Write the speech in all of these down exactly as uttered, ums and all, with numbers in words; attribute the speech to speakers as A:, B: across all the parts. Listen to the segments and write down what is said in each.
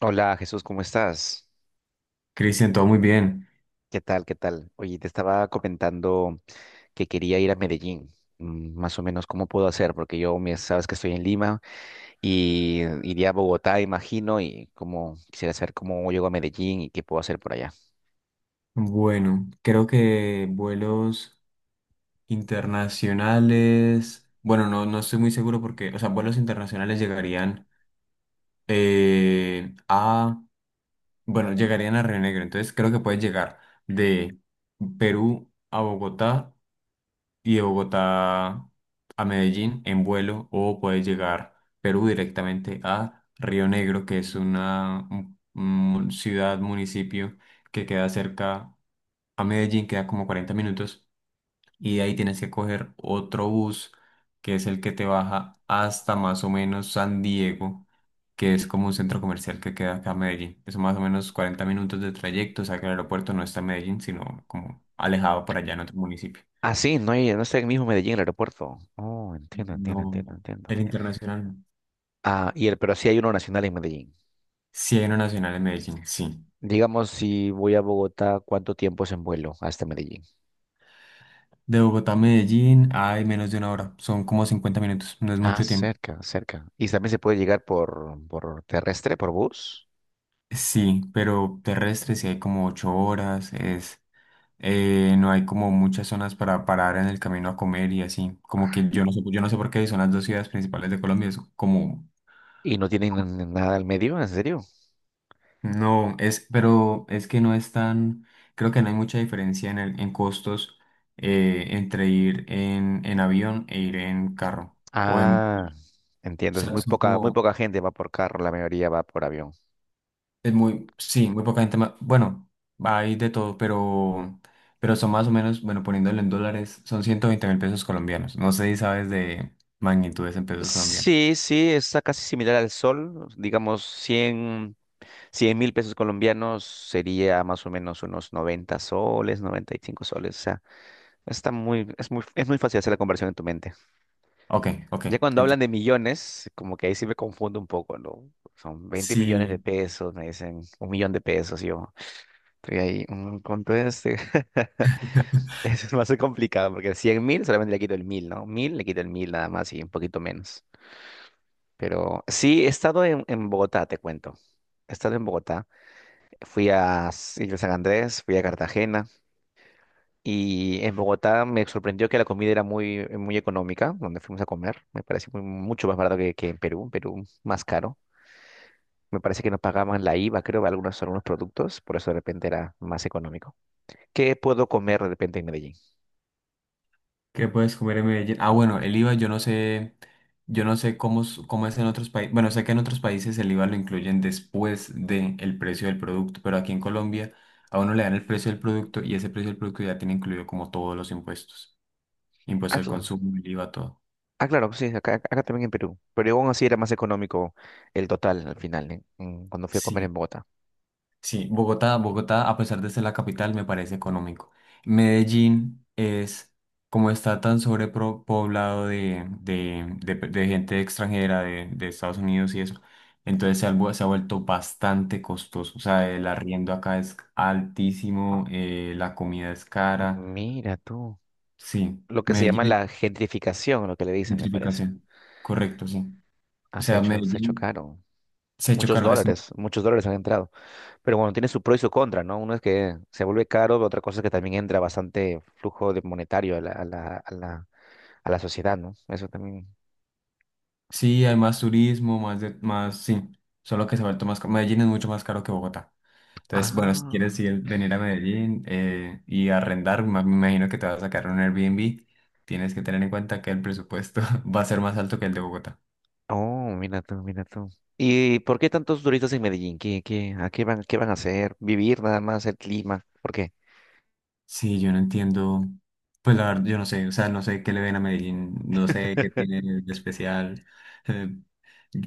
A: Hola Jesús, ¿cómo estás?
B: Cristian, todo muy bien.
A: ¿Qué tal? ¿Qué tal? Oye, te estaba comentando que quería ir a Medellín. Mm, Más o menos, ¿cómo puedo hacer? Porque yo, me- sabes que estoy en Lima y iría a Bogotá, imagino, y como quisiera saber cómo llego a Medellín y qué puedo hacer por allá.
B: Bueno, creo que vuelos internacionales, bueno, no, no estoy muy seguro porque, o sea, vuelos internacionales llegarían eh, a, bueno, llegarían a Río Negro, entonces creo que puedes llegar de Perú a Bogotá y de Bogotá a Medellín en vuelo o puedes llegar Perú directamente a Río Negro, que es una un- un ciudad, municipio que queda cerca a Medellín, queda como cuarenta minutos, y de ahí tienes que coger otro bus, que es el que te baja hasta más o menos San Diego, que es como un centro comercial que queda acá a Medellín. Eso más o menos cuarenta minutos de trayecto, o sea que el aeropuerto no está en Medellín, sino como alejado por allá en otro municipio.
A: Ah, sí, no, hay- no está en el mismo Medellín, el aeropuerto. Oh, entiendo, entiendo, entiendo,
B: No,
A: entiendo.
B: el internacional no.
A: Ah, y el, pero sí hay uno nacional en Medellín.
B: Sí, hay uno nacional en Medellín, sí.
A: Digamos, si voy a Bogotá, ¿cuánto tiempo es en vuelo hasta Medellín?
B: De Bogotá a Medellín hay menos de una hora, son como cincuenta minutos, no es
A: Ah,
B: mucho tiempo.
A: cerca, cerca. Y también se puede llegar por, por terrestre, por bus.
B: Sí, pero terrestre sí hay como ocho horas, es eh, no hay como muchas zonas para parar en el camino a comer y así. Como que yo no sé, yo no sé por qué son las dos ciudades principales de Colombia. Es como,
A: Y no tienen nada al medio, ¿en serio?
B: no, es, pero es que no es tan, creo que no hay mucha diferencia en el, en costos eh, entre ir en, en avión e ir en carro. O en, o
A: Ah, entiendo. Es
B: sea,
A: muy
B: son
A: poca, muy
B: como...
A: poca gente va por carro, la mayoría va por avión.
B: Es muy, sí, muy poca gente más. Bueno, hay de todo, pero, pero son más o menos, bueno, poniéndolo en dólares, son ciento veinte mil pesos colombianos. No sé si sabes de magnitudes en pesos colombianos.
A: Sí, sí, está casi similar al sol. Digamos, cien, cien mil pesos colombianos sería más o menos unos noventa soles, noventa y cinco soles. O sea, está muy, es muy, es muy fácil hacer la conversión en tu mente.
B: Ok, ok.
A: Ya cuando hablan
B: ent-
A: de millones, como que ahí sí me confundo un poco, ¿no? Son veinte millones de
B: Sí.
A: pesos, me dicen un millón de pesos, y yo estoy ahí, mm, ¿cuánto es? Eso es más complicado, porque cien mil solamente le quito el mil, ¿no? Mil le quito el mil nada más y un poquito menos. Pero sí, he estado en, en Bogotá, te cuento. He estado en Bogotá, fui a S- Isla San Andrés, fui a Cartagena, y en Bogotá me sorprendió que la comida era muy, muy económica, donde fuimos a comer. Me pareció muy- mucho más barato que, que en Perú, en Perú más caro. Me parece que no pagaban la IVA, creo, de algunos, algunos productos, por eso de repente era más económico. ¿Qué puedo comer de repente en Medellín?
B: ¿Qué puedes comer en Medellín? Ah, bueno, el IVA yo no sé, yo no sé cómo, es- cómo es en otros países. Bueno, sé que en otros países el IVA lo incluyen después del precio del producto, pero aquí en Colombia a uno le dan el precio del producto y ese precio del producto ya tiene incluido como todos los impuestos. Impuesto
A: Ah,
B: al
A: claro.
B: consumo, el IVA, todo.
A: Ah, claro, sí, acá, acá también en Perú. Pero aún así era más económico el total al final, ¿eh? Mm, Cuando fui a comer
B: Sí,
A: en Bogotá.
B: sí. Bogotá, Bogotá, a pesar de ser la capital, me parece económico. Medellín es, como está tan sobrepoblado de, de, de, de gente extranjera de, de Estados Unidos y eso, entonces se ha, vu- se ha vuelto bastante costoso. O sea, el arriendo acá es altísimo, eh, la comida es cara.
A: Mira tú.
B: Sí,
A: Lo que se llama
B: Medellín,
A: la gentrificación, lo que le dicen, me parece.
B: gentrificación. Correcto, sí.
A: Ah,
B: O
A: se ha
B: sea,
A: hecho, se ha hecho
B: Medellín
A: caro.
B: se ha hecho
A: Muchos
B: caro.
A: dólares, muchos dólares han entrado. Pero bueno, tiene su pro y su contra, ¿no? Uno es que se vuelve caro, otra cosa es que también entra bastante flujo de monetario a la, a la, a la a la sociedad, ¿no? Eso también.
B: Sí, hay más turismo, más de, más, sí, solo que se ha vuelto más caro. Medellín es mucho más caro que Bogotá. Entonces, bueno, si
A: Ah.
B: quieres ir, venir a Medellín eh, y arrendar, ma- me imagino que te vas a sacar un Airbnb, tienes que tener en cuenta que el presupuesto va a ser más alto que el de Bogotá.
A: Oh, mira tú, mira tú. ¿Y por qué tantos turistas en Medellín? ¿Qué, qué, a qué van, qué van a hacer? ¿Vivir nada más el clima? ¿Por qué?
B: Sí, yo no entiendo, pues la verdad, yo no sé, o sea, no sé qué le ven a Medellín, no sé qué tiene de especial. eh,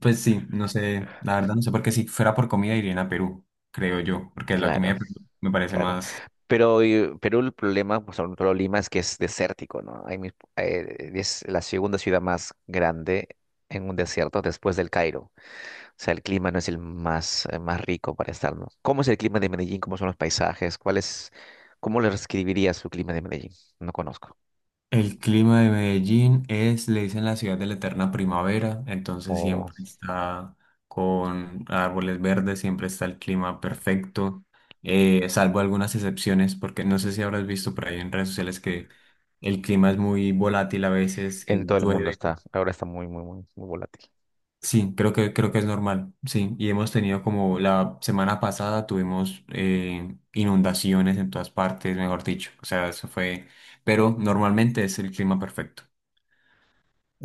B: pues sí, no sé, la verdad no sé, porque si fuera por comida irían a Perú, creo yo, porque la comida
A: Claro,
B: de Perú me parece
A: claro.
B: más.
A: Pero eh, Perú, el problema, pues sobre todo Lima, es que es desértico, ¿no? Hay mis- eh, es la segunda ciudad más grande en un desierto después del Cairo. O sea, el clima no es el más, eh, más rico para estar, ¿no? ¿Cómo es el clima de Medellín? ¿Cómo son los paisajes? ¿Cuál es, cómo le describirías su clima de Medellín? No conozco.
B: El clima de Medellín es, le dicen la ciudad de la eterna primavera, entonces
A: O
B: siempre está con árboles verdes, siempre está el clima perfecto, eh, salvo algunas excepciones, porque no sé si habrás visto por ahí en redes sociales que el clima es muy volátil a veces, que
A: en todo el mundo
B: llueve.
A: está. Ahora está muy, muy, muy, muy volátil.
B: Sí, creo que, creo que es normal, sí. Y hemos tenido como la semana pasada tuvimos eh, inundaciones en todas partes, mejor dicho. O sea, eso fue, pero normalmente es el clima perfecto.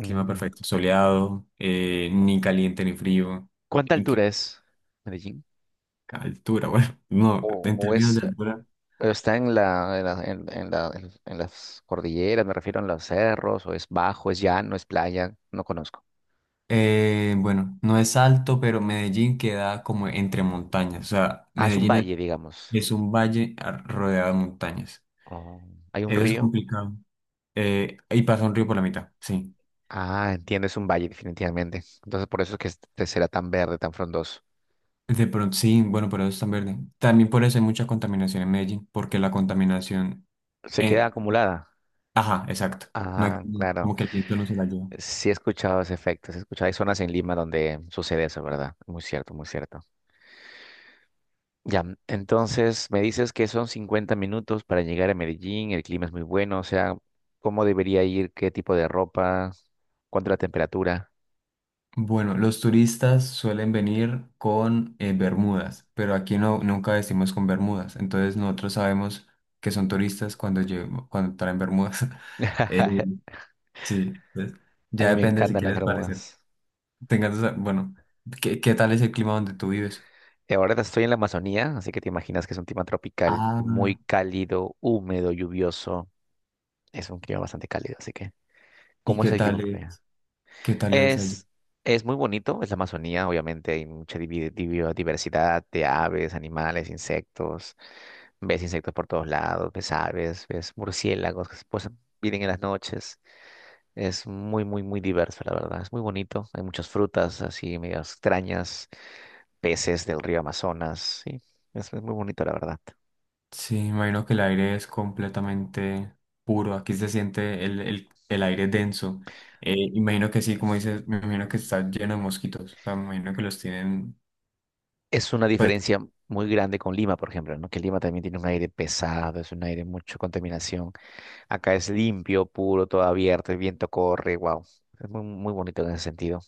B: Clima perfecto, soleado, eh, ni caliente ni frío.
A: ¿Cuánta
B: ¿En qué
A: altura es Medellín?
B: altura? Bueno, no,
A: ¿O,
B: en
A: o
B: términos
A: es,
B: de altura.
A: o está en la, en la- en- en la- en- en las cordilleras, me refiero a los cerros, o es bajo, es llano, es playa? No conozco.
B: Eh, bueno, no es alto, pero Medellín queda como entre montañas. O sea,
A: Ah, es un
B: Medellín es,
A: valle, digamos.
B: es un valle a- rodeado de montañas.
A: Oh, ¿hay un
B: Eso es
A: río?
B: complicado. Eh, y pasa un río por la mitad, sí.
A: Ah, entiendo, es un valle definitivamente. Entonces por eso es que este será tan verde, tan frondoso.
B: De pronto, sí, bueno, pero eso es tan verde. También por eso hay mucha contaminación en Medellín, porque la contaminación...
A: ¿Se queda
B: eh,
A: acumulada?
B: ajá, exacto. No
A: Ah,
B: hay-
A: claro.
B: Como que el viento no se la lleva.
A: Sí he escuchado ese efecto, sí he escuchado. Hay zonas en Lima donde sucede eso, ¿verdad? Muy cierto, muy cierto. Ya, mm, entonces me dices que son cincuenta minutos para llegar a Medellín, el clima es muy bueno, o sea, ¿cómo debería ir? ¿Qué tipo de ropa? ¿Cuánto la temperatura?
B: Bueno, los turistas suelen venir con eh, bermudas, pero aquí no, nunca vestimos con bermudas, entonces nosotros sabemos que son turistas cuando, llevo- cuando traen bermudas. Eh, sí, pues,
A: A
B: ya
A: mí me
B: depende si
A: encantan las
B: quieres parecer.
A: Bermudas.
B: Tengas, esa- bueno, ¿qué, qué tal es el clima donde tú vives?
A: Y ahora estoy en la Amazonía, así que te imaginas que es un clima tropical,
B: Ah,
A: muy cálido, húmedo, lluvioso. Es un clima bastante cálido, así que,
B: ¿y
A: ¿cómo es
B: qué
A: el clima
B: tal
A: por allá?
B: es? ¿Qué tal es allá?
A: Es, es muy bonito, es la Amazonía, obviamente hay mucha divi- divi- diversidad de aves, animales, insectos. Ves insectos por todos lados, ves aves, ves murciélagos que se posan- vienen en las noches. Es muy, muy, muy diverso, la verdad. Es muy bonito. Hay muchas frutas así medio extrañas, peces del río Amazonas. Sí, es, es muy bonito, la verdad.
B: Sí, me imagino que el aire es completamente puro. Aquí se siente el, el, el aire denso. Eh, imagino que sí, como dices, me imagino que está lleno de mosquitos. O sea, me imagino que los tienen.
A: Es una
B: Pues
A: diferencia muy grande con Lima, por ejemplo, ¿no? Que Lima también tiene un aire pesado, es un aire mucho contaminación. Acá es limpio, puro, todo abierto, el viento corre, wow. Es muy, muy bonito en ese sentido.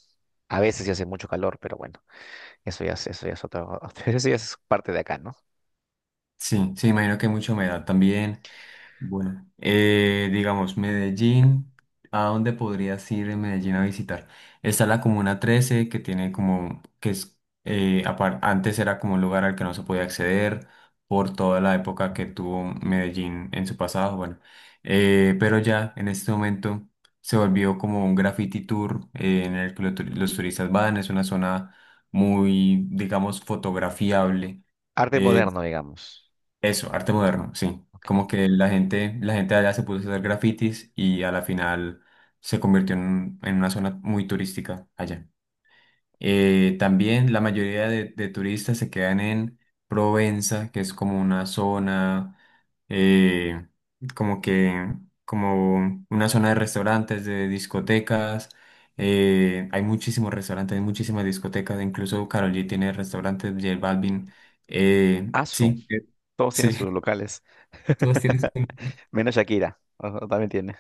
A: A veces ya hace mucho calor, pero bueno, eso ya es, eso ya es otro, eso ya es parte de acá, ¿no?
B: sí, sí, imagino que hay mucha humedad también. Bueno, eh, digamos, Medellín, ¿a dónde podrías ir en Medellín a visitar? Está la Comuna trece, que tiene como, que es, eh, apar- antes era como un lugar al que no se podía acceder por toda la época que tuvo Medellín en su pasado, bueno. Eh, pero ya en este momento se volvió como un graffiti tour eh, en el que lo tu- los turistas van, es una zona muy, digamos, fotografiable.
A: Arte
B: eh,
A: moderno, digamos.
B: Eso, arte moderno, sí.
A: Ok,
B: Como
A: ok.
B: que la gente, la gente allá se puso a hacer grafitis y a la final se convirtió en, un- en una zona muy turística allá. Eh, también la mayoría de, de turistas se quedan en Provenza, que es como una zona, eh, como que, como una zona de restaurantes, de discotecas. Eh, hay muchísimos restaurantes, hay muchísimas discotecas, incluso Karol G tiene restaurantes, J Balvin. eh,
A: Asu,
B: sí, eh,
A: todos tienen
B: sí.
A: sus locales,
B: Todas tienen su nombre.
A: menos Shakira, o- también tiene.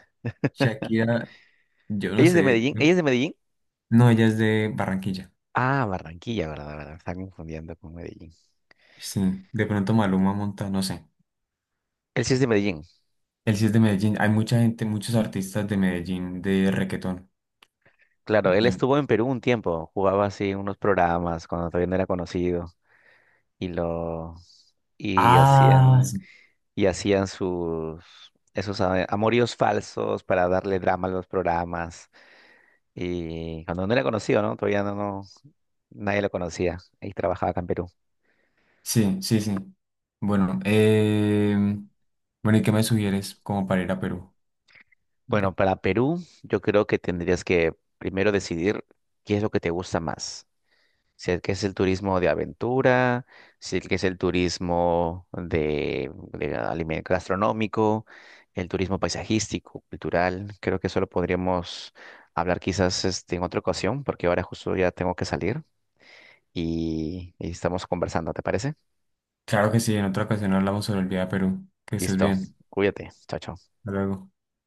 B: Shakira, yo no
A: ¿Ella es de
B: sé.
A: Medellín? ¿Ella es de Medellín?
B: No, ella es de Barranquilla.
A: Ah, Barranquilla, verdad, verdad, me está confundiendo con Medellín.
B: Sí, de pronto Maluma monta, no sé.
A: Él sí es de Medellín,
B: Él sí es de Medellín. Hay mucha gente, muchos artistas de Medellín de reggaetón.
A: claro, él
B: Yo-
A: estuvo en Perú un tiempo, jugaba así en unos programas cuando todavía no era conocido y lo y
B: Ah,
A: hacían
B: sí,
A: y hacían sus esos a- amoríos falsos para darle drama a los programas y cuando no era conocido, ¿no? Todavía no, no nadie lo conocía y trabajaba acá en Perú.
B: sí, sí. sí. Bueno, eh, bueno, ¿y qué me sugieres como para ir a Perú?
A: Bueno,
B: De-
A: para Perú, yo creo que tendrías que primero decidir qué es lo que te gusta más. Si es que es el turismo de aventura, si es que es el turismo de, de alime- gastronómico, el turismo paisajístico, cultural. Creo que eso lo podríamos hablar quizás este, en otra ocasión, porque ahora justo ya tengo que salir y, y estamos conversando, ¿te parece?
B: Claro que sí, en otra ocasión hablamos sobre el viaje a Perú. Que estés
A: Listo,
B: bien.
A: cuídate, chao, chao.
B: Hasta luego.